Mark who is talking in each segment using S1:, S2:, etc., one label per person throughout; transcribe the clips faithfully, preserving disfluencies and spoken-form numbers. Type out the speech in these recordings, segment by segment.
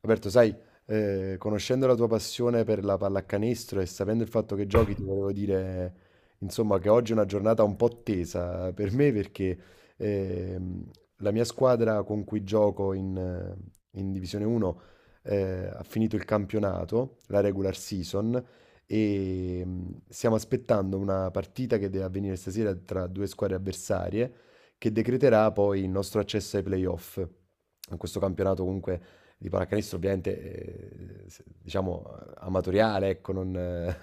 S1: Roberto, sai, eh, conoscendo la tua passione per la pallacanestro e sapendo il fatto che giochi, ti volevo dire, insomma, che oggi è una giornata un po' tesa per me perché ehm, la mia squadra con cui gioco in, eh, in Divisione uno eh, ha finito il campionato, la regular season, e mm, stiamo aspettando una partita che deve avvenire stasera tra due squadre avversarie che decreterà poi il nostro accesso ai playoff. In questo campionato comunque di pallacanestro ovviamente eh, se- diciamo eh, amatoriale, ecco, non, eh,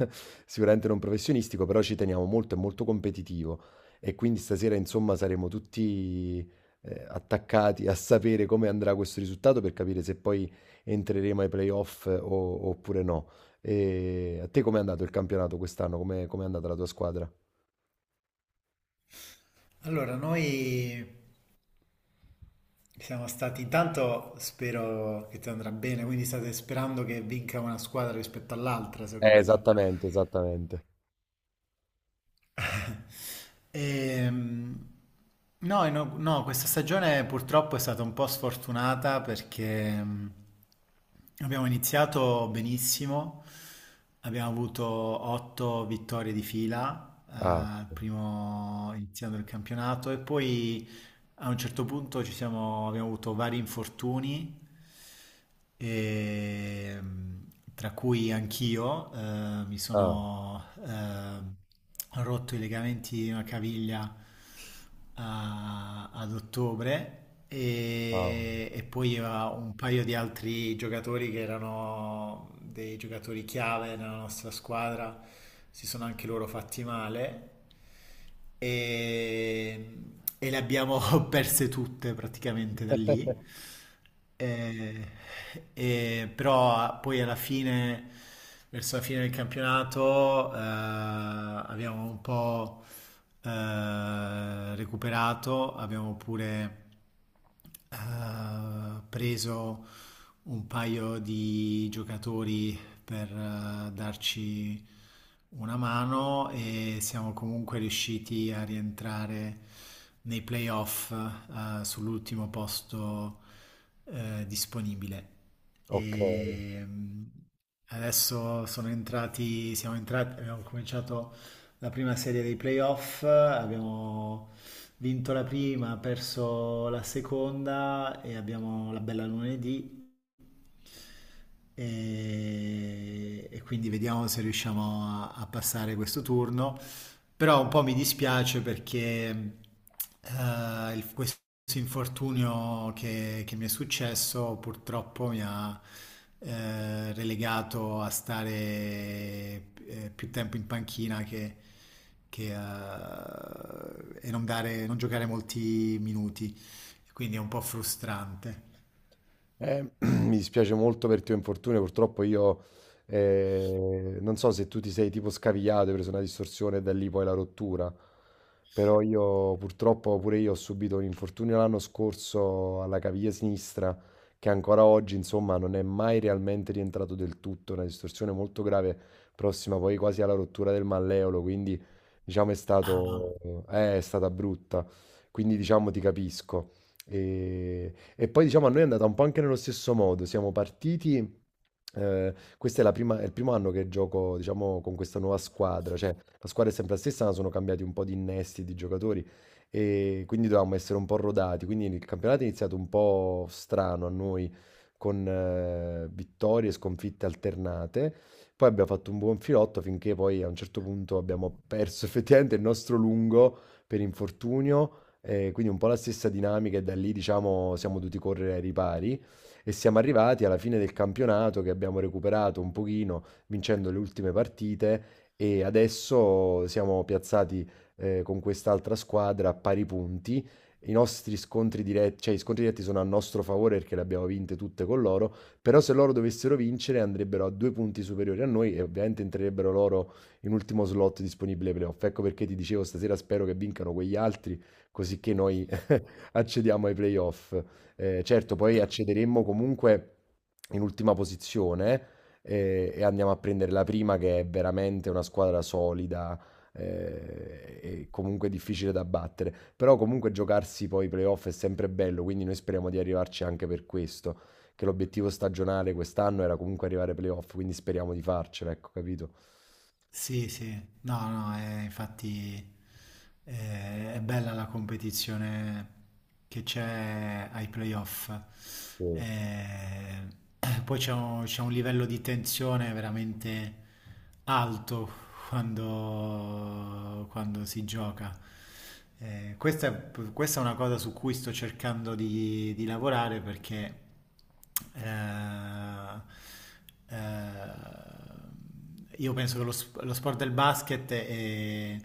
S1: sicuramente non professionistico, però ci teniamo molto, è molto competitivo e quindi stasera insomma saremo tutti eh, attaccati a sapere come andrà questo risultato per capire se poi entreremo ai playoff eh, o- oppure no. E a te com'è andato il campionato quest'anno? Come è andata la tua squadra?
S2: Allora, noi siamo stati, intanto spero che ti andrà bene, quindi state sperando che vinca una squadra rispetto all'altra, se ho
S1: Eh,
S2: capito.
S1: esattamente, esattamente.
S2: Ehm, no, e no, no, questa stagione purtroppo è stata un po' sfortunata perché mm, abbiamo iniziato benissimo, abbiamo avuto otto vittorie di fila,
S1: Ah.
S2: eh, primo- iniziando il campionato e poi. A un certo punto ci siamo- abbiamo avuto vari infortuni, e, tra cui anch'io, eh, mi
S1: Ah,
S2: sono eh, rotto i legamenti di una caviglia a- ad ottobre
S1: ah.
S2: e, e poi a un paio di altri giocatori che erano dei giocatori chiave nella nostra squadra si sono anche loro fatti male e, e le abbiamo perse tutte praticamente da lì. E- e- Però poi alla fine, verso la fine del campionato, eh, abbiamo un po' eh, recuperato, abbiamo pure eh, preso un paio di giocatori per eh, darci una mano e siamo comunque riusciti a rientrare nei playoff eh, sull'ultimo posto eh, disponibile.
S1: Okay.
S2: E mm, adesso sono entrati, siamo entrati, abbiamo cominciato la prima serie dei playoff, abbiamo vinto la prima, perso la seconda e abbiamo la bella lunedì. E, e quindi vediamo se riusciamo a, a passare questo turno. Però un po' mi dispiace perché eh, il- questo questo infortunio che, che mi è successo purtroppo mi ha eh, relegato a stare eh, più tempo in panchina che, che, eh, e non dare- non giocare molti minuti, quindi è un po' frustrante.
S1: Eh, mi dispiace molto per il tuo infortunio, purtroppo io eh, non so se tu ti sei tipo scavigliato, hai preso una distorsione e da lì poi la rottura, però io purtroppo pure io ho subito un infortunio l'anno scorso alla caviglia sinistra che ancora oggi insomma non è mai realmente rientrato del tutto, una distorsione molto grave prossima poi quasi alla rottura del malleolo, quindi diciamo è
S2: Ah,
S1: stato, eh, è stata brutta, quindi diciamo ti capisco. E e poi diciamo a noi è andata un po' anche nello stesso modo, siamo partiti, eh, questo è, la prima- è il primo anno che gioco diciamo con questa nuova squadra, cioè la squadra è sempre la stessa, ma sono cambiati un po' di innesti, di giocatori e quindi dovevamo essere un po' rodati, quindi il campionato è iniziato un po' strano a noi con eh, vittorie e sconfitte alternate. Poi abbiamo fatto un buon filotto finché poi a un certo punto abbiamo perso effettivamente il nostro lungo per infortunio. Ehm, quindi un po' la stessa dinamica e da lì diciamo siamo dovuti correre ai ripari e siamo arrivati alla fine del campionato che abbiamo recuperato un pochino vincendo le ultime partite e adesso siamo piazzati, ehm, con quest'altra squadra a pari punti. I nostri scontri diret, cioè i scontri diretti sono a nostro favore perché le abbiamo vinte tutte con loro, però se loro dovessero vincere andrebbero a due punti superiori a noi e ovviamente entrerebbero loro in ultimo slot disponibile ai playoff. Ecco perché ti dicevo stasera spero che vincano quegli altri così che noi accediamo ai playoff. Eh, certo, poi accederemmo comunque in ultima posizione eh, e andiamo a prendere la prima che è veramente una squadra solida eh, e comunque difficile da battere. Però comunque giocarsi poi i playoff è sempre bello, quindi noi speriamo di arrivarci anche per questo, che l'obiettivo stagionale quest'anno era comunque arrivare ai playoff, quindi speriamo di farcela, ecco, capito?
S2: sì, sì, no, no, eh, infatti. Eh, È bella la competizione che c'è ai playoff.
S1: Sì,
S2: Eh, poi c'è un, c'è un livello di tensione veramente alto quando, quando si gioca. Eh, questa, è, questa è una cosa su cui sto cercando di, di lavorare perché eh, eh, io penso che lo, sp- lo sport del basket è,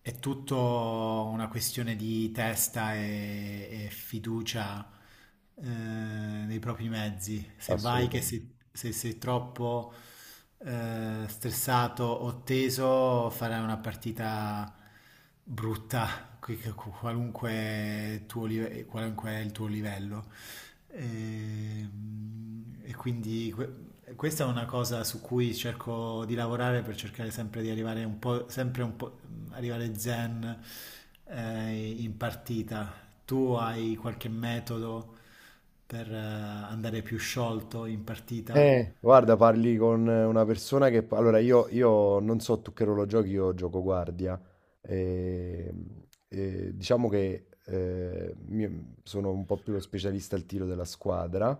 S2: è tutto una questione di testa e, e fiducia eh, nei propri mezzi. Se vai che
S1: assolutamente.
S2: se, se sei troppo eh, stressato o teso, farai una partita brutta, qui- qualunque, tuo live- qualunque è il tuo livello. Ehm, E, quindi que- questa è una cosa su cui cerco di lavorare per cercare sempre di arrivare un po', sempre un po', arrivare zen eh, in partita. Tu hai qualche metodo per eh, andare più sciolto in partita?
S1: Eh, guarda, parli con eh, una persona che... Allora, io, io non so tu che ruolo giochi, io gioco guardia. E, e diciamo che eh, mi- sono un po' più lo specialista al tiro della squadra.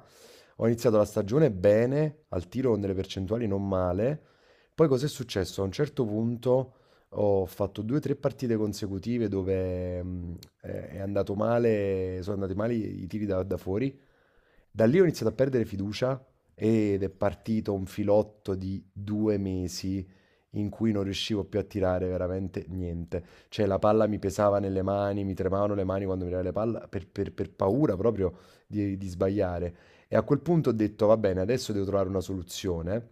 S1: Ho iniziato la stagione bene, al tiro con delle percentuali non male. Poi cos'è successo? A un certo punto ho fatto due o tre partite consecutive dove mm, eh, è andato male, sono andati male i i tiri da da fuori. Da lì ho iniziato a perdere fiducia ed è partito un filotto di due mesi in cui non riuscivo più a tirare veramente niente. Cioè la palla mi pesava nelle mani, mi tremavano le mani quando mi tirava la palla per, per- per paura proprio di, di sbagliare. E a quel punto ho detto, va bene, adesso devo trovare una soluzione eh,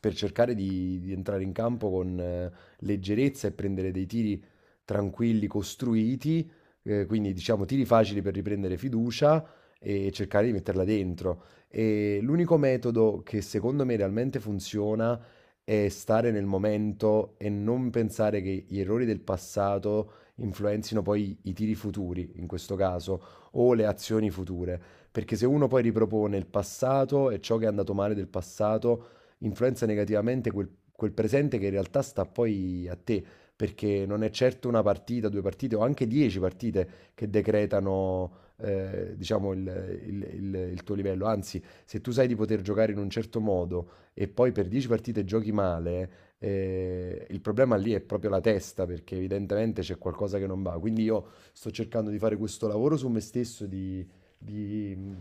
S1: per cercare di, di entrare in campo con eh, leggerezza e prendere dei tiri tranquilli, costruiti, eh, quindi diciamo tiri facili per riprendere fiducia e cercare di metterla dentro. E l'unico metodo che secondo me realmente funziona è stare nel momento e non pensare che gli errori del passato influenzino poi i tiri futuri, in questo caso, o le azioni future. Perché se uno poi ripropone il passato e ciò che è andato male del passato, influenza negativamente quel, quel presente che in realtà sta poi a te. Perché non è certo una partita, due partite o anche dieci partite che decretano, eh, diciamo, il il- il- il tuo livello. Anzi, se tu sai di poter giocare in un certo modo e poi per dieci partite giochi male, eh, il problema lì è proprio la testa, perché evidentemente c'è qualcosa che non va. Quindi io sto cercando di fare questo lavoro su me stesso, di, di, mm,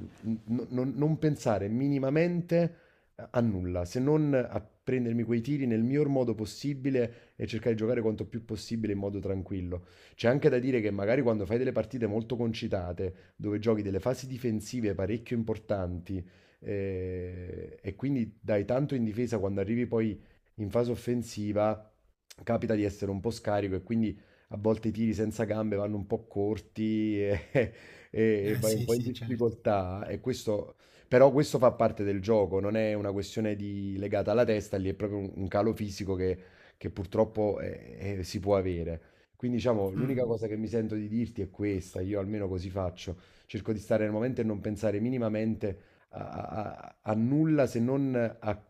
S1: n- non non pensare minimamente a nulla, se non a prendermi quei tiri nel miglior modo possibile e cercare di giocare quanto più possibile in modo tranquillo. C'è anche da dire che magari quando fai delle partite molto concitate, dove giochi delle fasi difensive parecchio importanti eh, e quindi dai tanto in difesa quando arrivi poi in fase offensiva, capita di essere un po' scarico e quindi a volte i tiri senza gambe vanno un po' corti e, e e
S2: Eh
S1: vai un
S2: sì,
S1: po' in
S2: sì, certo.
S1: difficoltà e questo, però questo fa parte del gioco, non è una questione di- legata alla testa, lì è proprio un, un calo fisico che, che purtroppo eh, eh, si può avere. Quindi diciamo, l'unica
S2: Mm.
S1: cosa che mi sento di dirti è questa, io almeno così faccio, cerco di stare nel momento e non pensare minimamente a, a- a nulla se non a,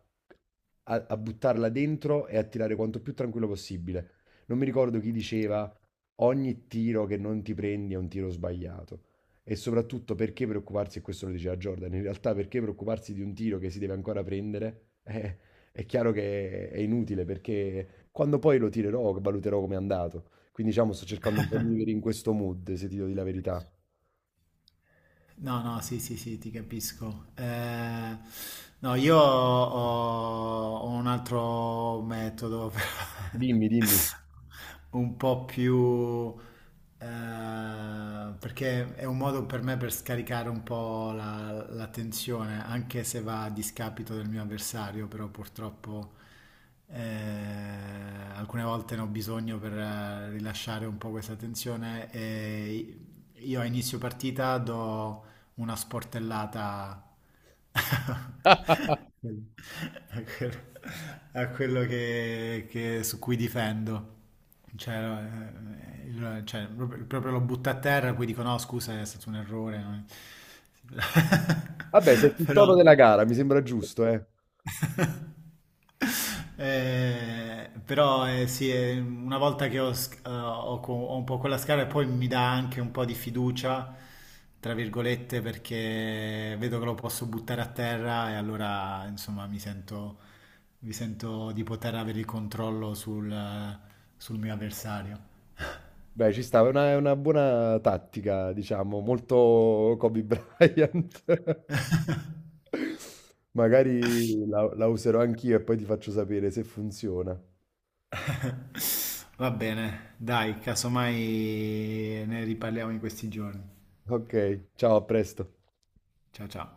S1: a- a buttarla dentro e a tirare quanto più tranquillo possibile. Non mi ricordo chi diceva ogni tiro che non ti prendi è un tiro sbagliato. E soprattutto perché preoccuparsi, e questo lo diceva Jordan, in realtà perché preoccuparsi di un tiro che si deve ancora prendere? Eh, è chiaro che è inutile perché quando poi lo tirerò valuterò come è andato. Quindi diciamo sto cercando un po' di vivere in questo mood, se ti dico di la verità.
S2: No, no, sì, sì, sì, ti capisco. Eh, no, io ho, ho un altro metodo, però,
S1: Dimmi, dimmi.
S2: un po' più... eh, perché è un modo per me per scaricare un po' la, la tensione, anche se va a discapito del mio avversario, però purtroppo eh, alcune volte ne ho bisogno per eh, rilasciare un po' questa tensione e io a inizio partita do una sportellata a quello, a quello che, che- su cui difendo. Cioè, eh, il- cioè, proprio, proprio lo butta a terra, poi dico no, scusa, è stato un errore. No?"
S1: Vabbè, senti il
S2: Però.
S1: tono della gara, mi sembra giusto, eh.
S2: Eh, però eh, sì, eh, una volta che ho, sc- eh, ho co- ho un po' quella scala, poi mi dà anche un po' di fiducia, tra virgolette, perché vedo che lo posso buttare a terra e allora insomma mi sento, mi sento di poter avere il controllo sul, sul mio avversario.
S1: Beh, ci sta, è una, è una buona tattica, diciamo, molto Kobe Bryant. Magari la la userò anch'io e poi ti faccio sapere se funziona.
S2: Va bene, dai, casomai ne riparliamo in questi giorni.
S1: Ok, ciao, a presto.
S2: Ciao ciao.